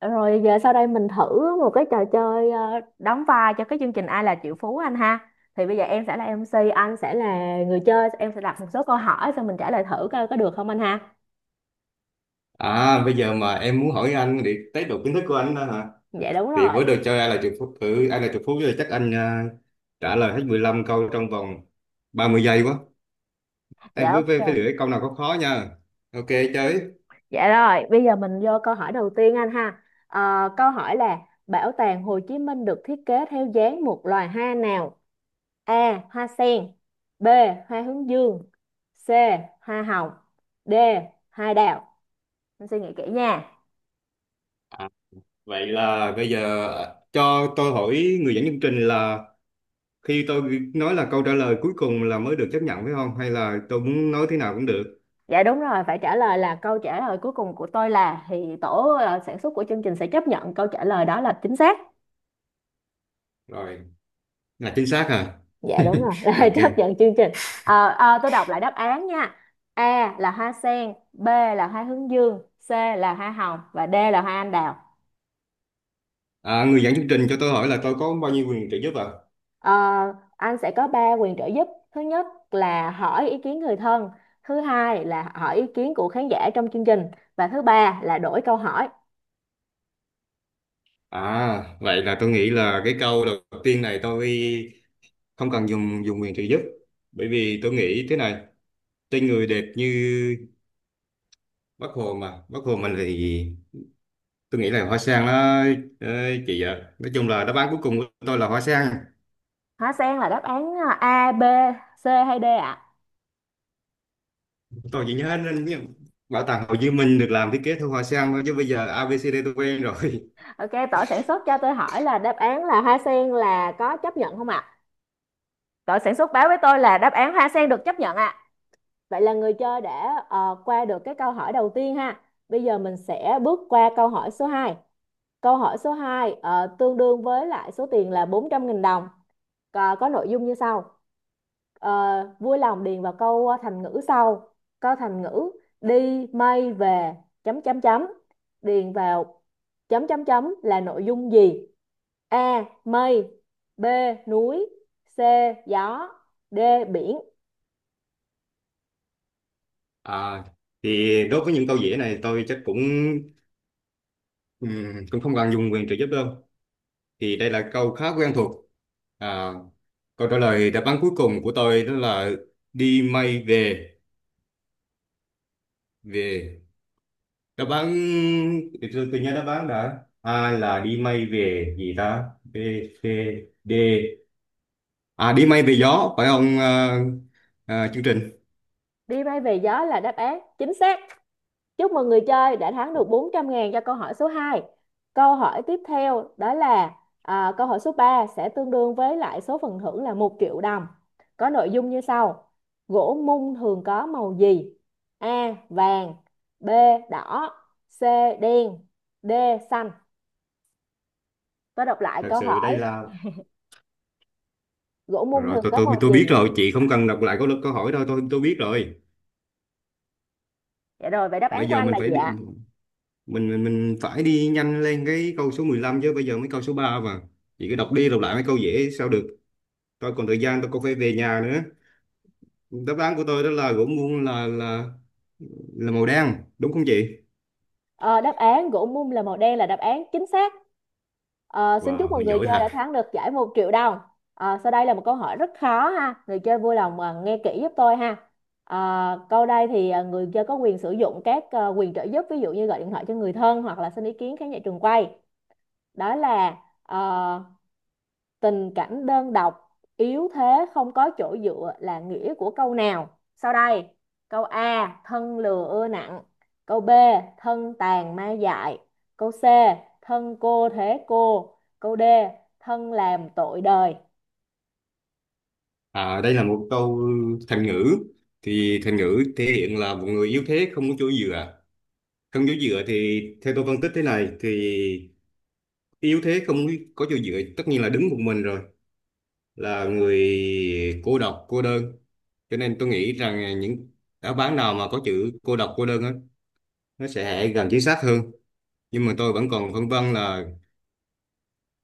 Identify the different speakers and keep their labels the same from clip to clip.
Speaker 1: Rồi giờ sau đây mình thử một cái trò chơi đóng vai cho cái chương trình Ai là triệu phú anh ha. Thì bây giờ em sẽ là MC, anh sẽ là người chơi, em sẽ đặt một số câu hỏi xong mình trả lời thử coi có được không anh ha.
Speaker 2: À, bây giờ mà em muốn hỏi anh để test độ kiến thức của anh đó hả?
Speaker 1: Dạ đúng
Speaker 2: Thì
Speaker 1: rồi.
Speaker 2: với đồ chơi ai là triệu phú, ai là triệu phú thì chắc anh trả lời hết 15 câu trong vòng 30 giây quá.
Speaker 1: Dạ
Speaker 2: Em cứ phải lựa
Speaker 1: ok.
Speaker 2: cái câu nào có khó nha. Ok, chơi.
Speaker 1: Dạ rồi, bây giờ mình vô câu hỏi đầu tiên anh ha. Câu hỏi là: Bảo tàng Hồ Chí Minh được thiết kế theo dáng một loài hoa nào? A. Hoa sen. B. Hoa hướng dương. C. Hoa hồng. D. Hoa đào. Em suy nghĩ kỹ nha.
Speaker 2: À, vậy là bây giờ cho tôi hỏi người dẫn chương trình là khi tôi nói là câu trả lời cuối cùng là mới được chấp nhận phải không? Hay là tôi muốn nói thế nào cũng được?
Speaker 1: Dạ đúng rồi, phải trả lời là câu trả lời cuối cùng của tôi là thì tổ sản xuất của chương trình sẽ chấp nhận câu trả lời đó là chính xác.
Speaker 2: Rồi, là chính xác hả?
Speaker 1: Dạ đúng rồi, là
Speaker 2: Ok.
Speaker 1: chấp nhận chương trình. Tôi đọc lại đáp án nha. A là hoa sen, B là hoa hướng dương, C là hoa hồng và D là hoa anh đào.
Speaker 2: À, người dẫn chương trình cho tôi hỏi là tôi có bao nhiêu quyền trợ giúp ạ?
Speaker 1: Ờ, anh sẽ có 3 quyền trợ giúp. Thứ nhất là hỏi ý kiến người thân, thứ hai là hỏi ý kiến của khán giả trong chương trình và thứ ba là đổi câu hỏi.
Speaker 2: À, vậy là tôi nghĩ là cái câu đầu tiên này tôi không cần dùng dùng quyền trợ giúp. Bởi vì tôi nghĩ thế này, tên người đẹp như Bác Hồ mà, Bác Hồ mình thì tôi nghĩ là hoa sen đó, ờ, chị ạ. Nói chung là đáp án cuối cùng của tôi là hoa sen.
Speaker 1: Hoa sen là đáp án A, B, C hay D ạ?
Speaker 2: Tôi chỉ nhớ đến những- Bảo tàng Hồ Chí Minh được làm thiết kế theo hoa sen thôi, chứ bây giờ a ABCD tôi quen rồi.
Speaker 1: Ok, tổ sản xuất cho tôi hỏi là đáp án là hoa sen là có chấp nhận không ạ? Tổ sản xuất báo với tôi là đáp án hoa sen được chấp nhận ạ. Vậy là người chơi đã qua được cái câu hỏi đầu tiên ha. Bây giờ mình sẽ bước qua câu hỏi số 2. Câu hỏi số 2 tương đương với lại số tiền là 400.000 đồng, có nội dung như sau. Ờ, Vui lòng điền vào câu thành ngữ sau, câu thành ngữ: đi mây về chấm chấm chấm, điền vào chấm chấm chấm là nội dung gì? A mây, B núi, C gió, D biển.
Speaker 2: À, thì đối với những câu dễ này tôi chắc cũng cũng không cần dùng quyền trợ giúp đâu. Thì đây là câu khá quen thuộc. À, câu trả lời đáp án cuối cùng của tôi đó là đi mây về về đáp án, thì tôi nhớ đáp án đã, A là đi mây về gì ta, B, C, D, à đi mây về gió phải không, chương trình.
Speaker 1: Đi mây về gió là đáp án chính xác. Chúc mừng người chơi đã thắng được 400 ngàn cho câu hỏi số 2. Câu hỏi tiếp theo đó là à, câu hỏi số 3 sẽ tương đương với lại số phần thưởng là một triệu đồng. Có nội dung như sau. Gỗ mung thường có màu gì? A. Vàng. B. Đỏ. C. Đen. D. Xanh. Tôi đọc lại
Speaker 2: Thật
Speaker 1: câu
Speaker 2: sự đây
Speaker 1: hỏi.
Speaker 2: là,
Speaker 1: Gỗ
Speaker 2: rồi,
Speaker 1: mung
Speaker 2: rồi
Speaker 1: thường
Speaker 2: tôi
Speaker 1: có màu gì?
Speaker 2: biết rồi, chị không cần đọc lại câu câu hỏi đâu, tôi biết rồi.
Speaker 1: Dạ rồi, vậy đáp án
Speaker 2: Bây
Speaker 1: của
Speaker 2: giờ
Speaker 1: anh
Speaker 2: mình
Speaker 1: là
Speaker 2: phải
Speaker 1: gì
Speaker 2: đi,
Speaker 1: ạ?
Speaker 2: mình mình mình phải đi nhanh lên cái câu số 15 chứ, bây giờ mới câu số 3 mà chị cứ đọc đi đọc lại mấy câu dễ sao được. Tôi còn thời gian, tôi còn phải về nhà nữa. Đáp án của tôi đó là gỗ muôn là là màu đen đúng không chị?
Speaker 1: Ờ, Đáp án gỗ mum là màu đen là đáp án chính xác. Xin chúc
Speaker 2: Wow,
Speaker 1: mọi
Speaker 2: mình
Speaker 1: người
Speaker 2: giỏi
Speaker 1: chơi
Speaker 2: thật.
Speaker 1: đã thắng được giải một triệu đồng. Ờ, sau đây là một câu hỏi rất khó ha. Người chơi vui lòng nghe kỹ giúp tôi ha. Câu đây thì người chơi có quyền sử dụng các quyền trợ giúp, ví dụ như gọi điện thoại cho người thân hoặc là xin ý kiến khán giả trường quay. Đó là ờ, tình cảnh đơn độc, yếu thế không có chỗ dựa là nghĩa của câu nào sau đây? Câu A thân lừa ưa nặng, câu B thân tàn ma dại, câu C thân cô thế cô, câu D thân làm tội đời.
Speaker 2: À, đây là một câu thành ngữ, thì thành ngữ thể hiện là một người yếu thế không có chỗ dựa. Không chỗ dựa thì theo tôi phân tích thế này thì yếu thế không có chỗ dựa tất nhiên là đứng một mình rồi, là người cô độc cô đơn. Cho nên tôi nghĩ rằng những đáp án nào mà có chữ cô độc cô đơn á, nó sẽ gần chính xác hơn. Nhưng mà tôi vẫn còn phân vân là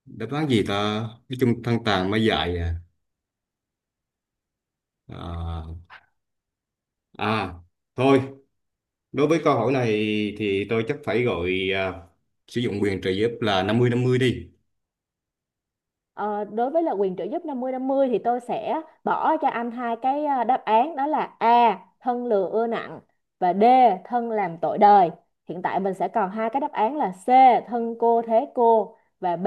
Speaker 2: đáp án gì ta, cái chung thân tàn mới dạy. À à, à thôi, đối với câu hỏi này thì tôi chắc phải gọi, sử dụng quyền trợ giúp là năm mươi đi.
Speaker 1: Ờ, Đối với là quyền trợ giúp năm mươi thì tôi sẽ bỏ cho anh hai cái đáp án, đó là A thân lừa ưa nặng và D thân làm tội đời. Hiện tại mình sẽ còn hai cái đáp án là C thân cô thế cô và B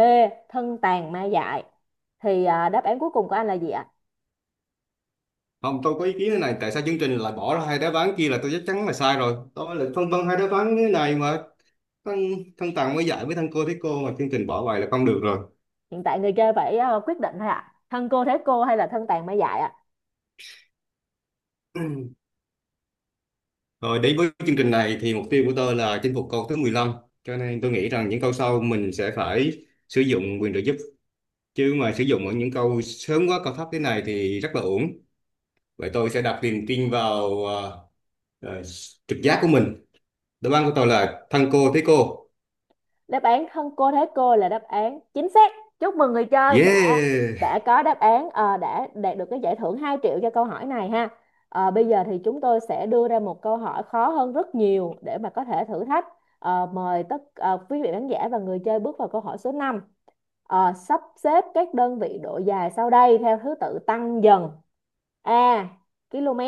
Speaker 1: thân tàn ma dại. Thì à, đáp án cuối cùng của anh là gì ạ?
Speaker 2: Không, tôi có ý kiến thế này, tại sao chương trình lại bỏ ra hai đáp án kia là tôi chắc chắn là sai rồi, tôi lại phân vân hai đáp án thế này mà. Thân thân tàn mới dạy với thân cô thấy cô mà chương trình bỏ bài là không được rồi.
Speaker 1: Hiện tại người chơi phải quyết định thôi ạ. Thân cô thế cô hay là thân tàn ma dại ạ?
Speaker 2: Rồi, đến với chương trình này thì mục tiêu của tôi là chinh phục câu thứ 15, cho nên tôi nghĩ rằng những câu sau mình sẽ phải sử dụng quyền trợ giúp. Chứ mà sử dụng ở những câu sớm quá cao thấp thế này thì rất là uổng. Vậy tôi sẽ đặt niềm tin vào ờ, trực giác của mình. Đáp án của tôi là thân cô thế cô.
Speaker 1: Đáp án thân cô thế cô là đáp án chính xác. Chúc mừng người chơi đã
Speaker 2: Yeah.
Speaker 1: có đáp án đã đạt được cái giải thưởng 2 triệu cho câu hỏi này ha. Ờ, bây giờ thì chúng tôi sẽ đưa ra một câu hỏi khó hơn rất nhiều để mà có thể thử thách. Mời quý vị khán giả và người chơi bước vào câu hỏi số 5: sắp xếp các đơn vị độ dài sau đây theo thứ tự tăng dần. A km,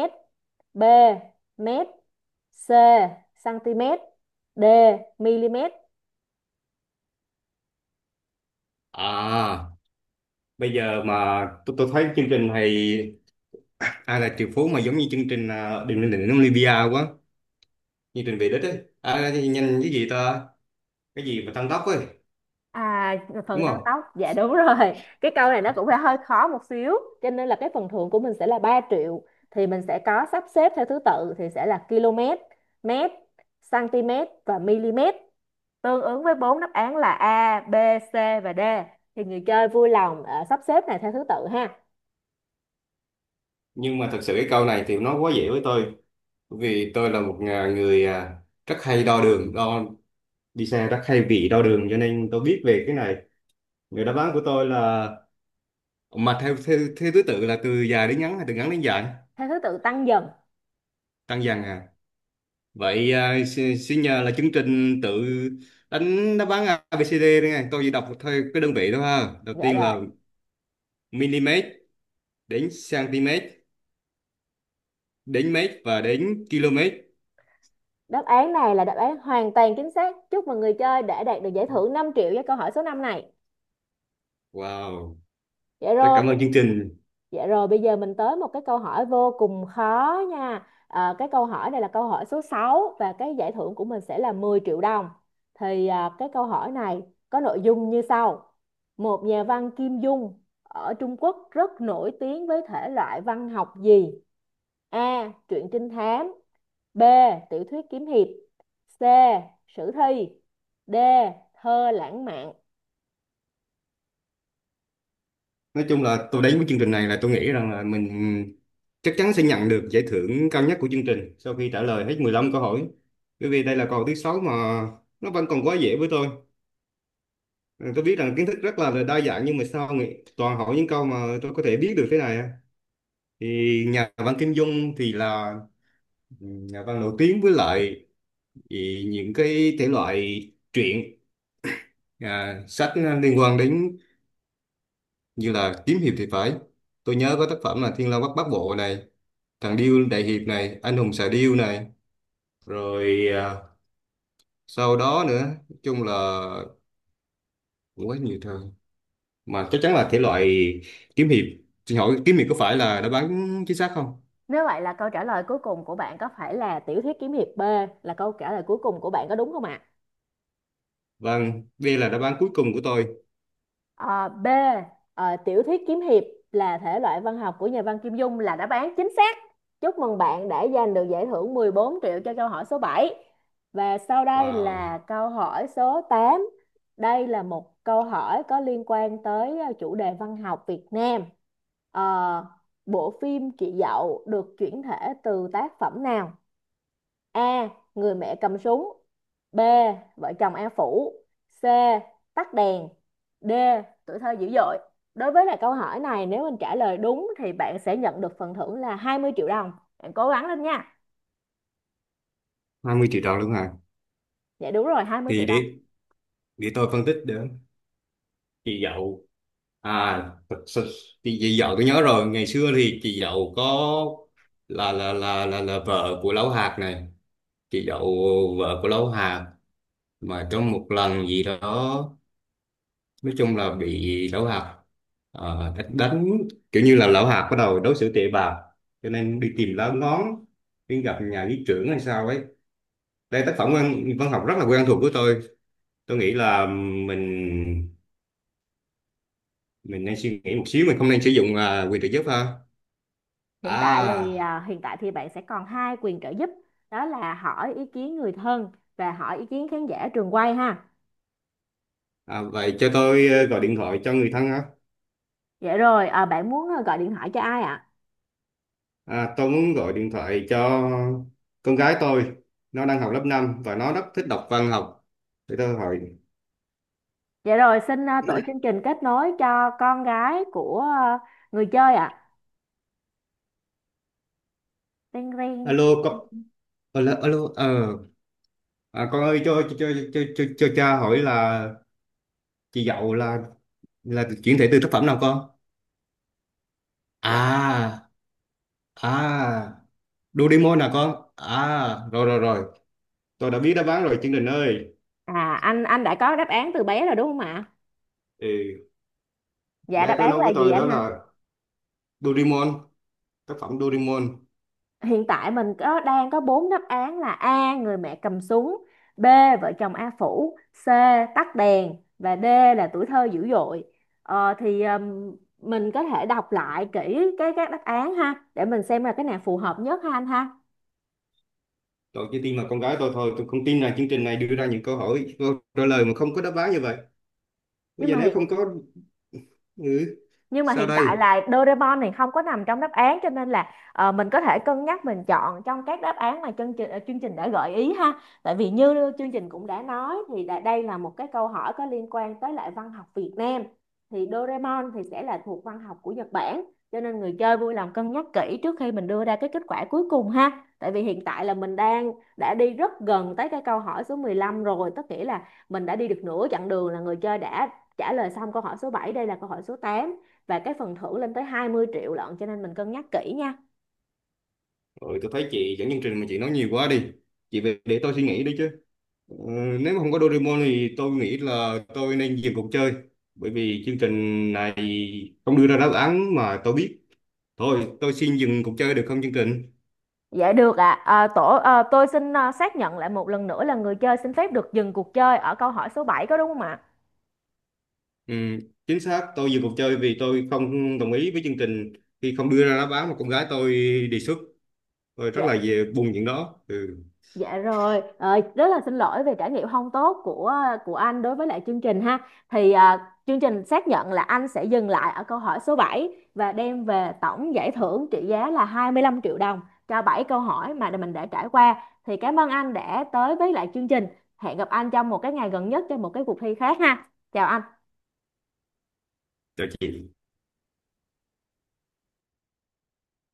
Speaker 1: B mét, C cm, D mm.
Speaker 2: À, bây giờ mà tôi thấy chương trình này ai là triệu phú mà giống như chương trình đừng lên đỉnh Olympia quá, chương trình về đích ấy, thì nhanh cái gì ta, cái gì mà tăng tốc ấy
Speaker 1: À, phần
Speaker 2: đúng
Speaker 1: tăng
Speaker 2: không?
Speaker 1: tốc, dạ đúng rồi. Cái câu này nó cũng phải hơi khó một xíu, cho nên là cái phần thưởng của mình sẽ là 3 triệu. Thì mình sẽ có sắp xếp theo thứ tự thì sẽ là km, mét, cm và mm. Tương ứng với bốn đáp án là A, B, C và D. Thì người chơi vui lòng sắp xếp này theo thứ tự ha,
Speaker 2: Nhưng mà thật sự cái câu này thì nó quá dễ với tôi, bởi vì tôi là một người rất hay đo đường, đo đi xe rất hay bị đau đường, cho nên tôi biết về cái này. Người đáp án của tôi là, mà theo theo, theo thứ tự là từ dài đến ngắn hay từ ngắn đến dài?
Speaker 1: theo thứ tự tăng dần.
Speaker 2: Tăng dần à? Vậy, xin, xin nhờ là chương trình tự đánh đáp án ABCD đây này, tôi chỉ đọc theo cái đơn vị thôi ha, đầu
Speaker 1: Dạ
Speaker 2: tiên
Speaker 1: rồi.
Speaker 2: là mm, đến cm, đến mét và đến km.
Speaker 1: Đáp án này là đáp án hoàn toàn chính xác. Chúc mừng người chơi đã đạt được giải thưởng 5 triệu với câu hỏi số 5 này.
Speaker 2: Wow,
Speaker 1: Dạ
Speaker 2: rất
Speaker 1: rồi.
Speaker 2: cảm ơn chương trình.
Speaker 1: Dạ rồi, bây giờ mình tới một cái câu hỏi vô cùng khó nha. À, cái câu hỏi này là câu hỏi số 6 và cái giải thưởng của mình sẽ là 10 triệu đồng. Thì à, cái câu hỏi này có nội dung như sau. Một nhà văn Kim Dung ở Trung Quốc rất nổi tiếng với thể loại văn học gì? A. Truyện trinh thám. B. Tiểu thuyết kiếm hiệp. C. Sử thi. D. Thơ lãng mạn.
Speaker 2: Nói chung là tôi đến với chương trình này là tôi nghĩ rằng là mình chắc chắn sẽ nhận được giải thưởng cao nhất của chương trình sau khi trả lời hết 15 câu hỏi, bởi vì đây là câu thứ sáu mà nó vẫn còn quá dễ với tôi. Ừ, tôi biết rằng kiến thức rất là đa dạng, nhưng mà sao nghĩ toàn hỏi những câu mà tôi có thể biết được thế này à? Thì nhà văn Kim Dung thì là, ừ, nhà văn nổi tiếng với lại thì những cái thể loại truyện, sách liên quan đến như là kiếm hiệp thì phải. Tôi nhớ có tác phẩm là Thiên Long Bát Bát Bộ này, thằng Điêu Đại Hiệp này, anh hùng xà điêu này, rồi sau đó nữa, nói chung là cũng quá nhiều thời, mà chắc chắn là thể loại kiếm hiệp. Xin hỏi kiếm hiệp có phải là đáp án chính xác không?
Speaker 1: Nếu vậy là câu trả lời cuối cùng của bạn có phải là tiểu thuyết kiếm hiệp B là câu trả lời cuối cùng của bạn có đúng không ạ?
Speaker 2: Vâng, đây là đáp án cuối cùng của tôi.
Speaker 1: Ờ, B, tiểu thuyết kiếm hiệp là thể loại văn học của nhà văn Kim Dung là đáp án chính xác. Chúc mừng bạn đã giành được giải thưởng 14 triệu cho câu hỏi số bảy. Và sau đây
Speaker 2: Wow,
Speaker 1: là câu hỏi số tám. Đây là một câu hỏi có liên quan tới chủ đề văn học Việt Nam. Ờ, Bộ phim Chị Dậu được chuyển thể từ tác phẩm nào? A. Người mẹ cầm súng. B. Vợ chồng A Phủ. C. Tắt đèn. D. Tuổi thơ dữ dội. Đối với lại câu hỏi này nếu mình trả lời đúng thì bạn sẽ nhận được phần thưởng là 20 triệu đồng. Bạn cố gắng lên nha.
Speaker 2: 20 triệu đồng luôn hả?
Speaker 1: Dạ đúng rồi, 20 triệu
Speaker 2: Thì
Speaker 1: đồng.
Speaker 2: để tôi phân tích được. Chị Dậu, à thật sự- chị Dậu tôi nhớ rồi, ngày xưa thì chị Dậu có là vợ của Lão Hạt này. Chị Dậu vợ của Lão Hạt, mà trong một lần gì đó nói chung là bị lão hạt, đánh, kiểu như là lão hạt bắt đầu đối xử tệ bạc, cho nên đi tìm lá ngón, đi gặp nhà lý trưởng hay sao ấy. Đây tác phẩm văn học rất là quen thuộc của tôi. Tôi nghĩ là mình mình nên suy nghĩ một xíu, mình không nên sử dụng quyền trợ giúp ha.
Speaker 1: Hiện tại thì
Speaker 2: À,
Speaker 1: bạn sẽ còn hai quyền trợ giúp. Đó là hỏi ý kiến người thân và hỏi ý kiến khán giả trường quay ha.
Speaker 2: à vậy cho tôi gọi điện thoại cho người thân ha.
Speaker 1: Dạ rồi, bạn muốn gọi điện thoại cho ai ạ?
Speaker 2: Tôi muốn gọi điện thoại cho con gái tôi, nó đang học lớp 5 và nó rất thích đọc văn học, để tôi hỏi.
Speaker 1: Dạ rồi, xin tổ chương trình kết nối cho con gái của người chơi ạ. Ring ring.
Speaker 2: Alo, con, alo, alo, con ơi, cho cha hỏi là chị Dậu là chuyển thể từ tác phẩm nào con?
Speaker 1: Dạ.
Speaker 2: À, à, Doraemon nè con. À, rồi rồi rồi, tôi đã biết đáp án rồi Chương Trình ơi.
Speaker 1: À, anh đã có đáp án từ bé rồi đúng không ạ?
Speaker 2: Ừ,
Speaker 1: Dạ
Speaker 2: bé
Speaker 1: đáp
Speaker 2: có
Speaker 1: án
Speaker 2: nói
Speaker 1: là
Speaker 2: với
Speaker 1: gì
Speaker 2: tôi
Speaker 1: anh
Speaker 2: đó
Speaker 1: ha?
Speaker 2: là Doraemon, tác phẩm Doraemon.
Speaker 1: Hiện tại mình đang có bốn đáp án là A người mẹ cầm súng, B vợ chồng A phủ, C tắt đèn và D là tuổi thơ dữ dội. Ờ, thì Mình có thể đọc lại kỹ cái các đáp án ha để mình xem là cái nào phù hợp nhất ha anh ha.
Speaker 2: Tôi chỉ tin là con gái tôi thôi, tôi không tin là chương trình này đưa ra những câu hỏi, câu trả lời mà không có đáp án như vậy. Bây
Speaker 1: Nhưng
Speaker 2: giờ
Speaker 1: mà
Speaker 2: nếu
Speaker 1: hiện
Speaker 2: không có, ừ,
Speaker 1: nhưng mà
Speaker 2: sao
Speaker 1: hiện tại
Speaker 2: đây?
Speaker 1: là Doraemon thì không có nằm trong đáp án, cho nên là mình có thể cân nhắc mình chọn trong các đáp án mà chương trình đã gợi ý ha. Tại vì như chương trình cũng đã nói thì đây là một cái câu hỏi có liên quan tới lại văn học Việt Nam, thì Doraemon thì sẽ là thuộc văn học của Nhật Bản, cho nên người chơi vui lòng cân nhắc kỹ trước khi mình đưa ra cái kết quả cuối cùng ha. Tại vì hiện tại là mình đã đi rất gần tới cái câu hỏi số 15 rồi, tức nghĩa là mình đã đi được nửa chặng đường, là người chơi đã trả lời xong câu hỏi số bảy, đây là câu hỏi số tám, và cái phần thưởng lên tới 20 triệu lận, cho nên mình cân nhắc kỹ nha.
Speaker 2: Ừ, tôi thấy chị dẫn chương trình mà chị nói nhiều quá đi. Chị về để tôi suy nghĩ đi chứ. Ờ, Nếu mà không có Doraemon thì tôi nghĩ là tôi nên dừng cuộc chơi. Bởi vì chương trình này không đưa ra đáp án mà tôi biết. Thôi, tôi xin dừng cuộc chơi được không chương trình?
Speaker 1: Dạ được ạ. À. Tôi xin xác nhận lại một lần nữa là người chơi xin phép được dừng cuộc chơi ở câu hỏi số 7 có đúng không ạ?
Speaker 2: Ừ, chính xác, tôi dừng cuộc chơi vì tôi không đồng ý với chương trình khi không đưa ra đáp án mà con gái tôi đề xuất. Tôi rất
Speaker 1: Dạ.
Speaker 2: là về buồn chuyện đó. Ừ,
Speaker 1: Dạ rồi, rất là xin lỗi về trải nghiệm không tốt của anh đối với lại chương trình ha. Thì à, Chương trình xác nhận là anh sẽ dừng lại ở câu hỏi số 7 và đem về tổng giải thưởng trị giá là 25 triệu đồng cho 7 câu hỏi mà mình đã trải qua. Thì cảm ơn anh đã tới với lại chương trình. Hẹn gặp anh trong một cái ngày gần nhất cho một cái cuộc thi khác ha. Chào anh.
Speaker 2: chào chị.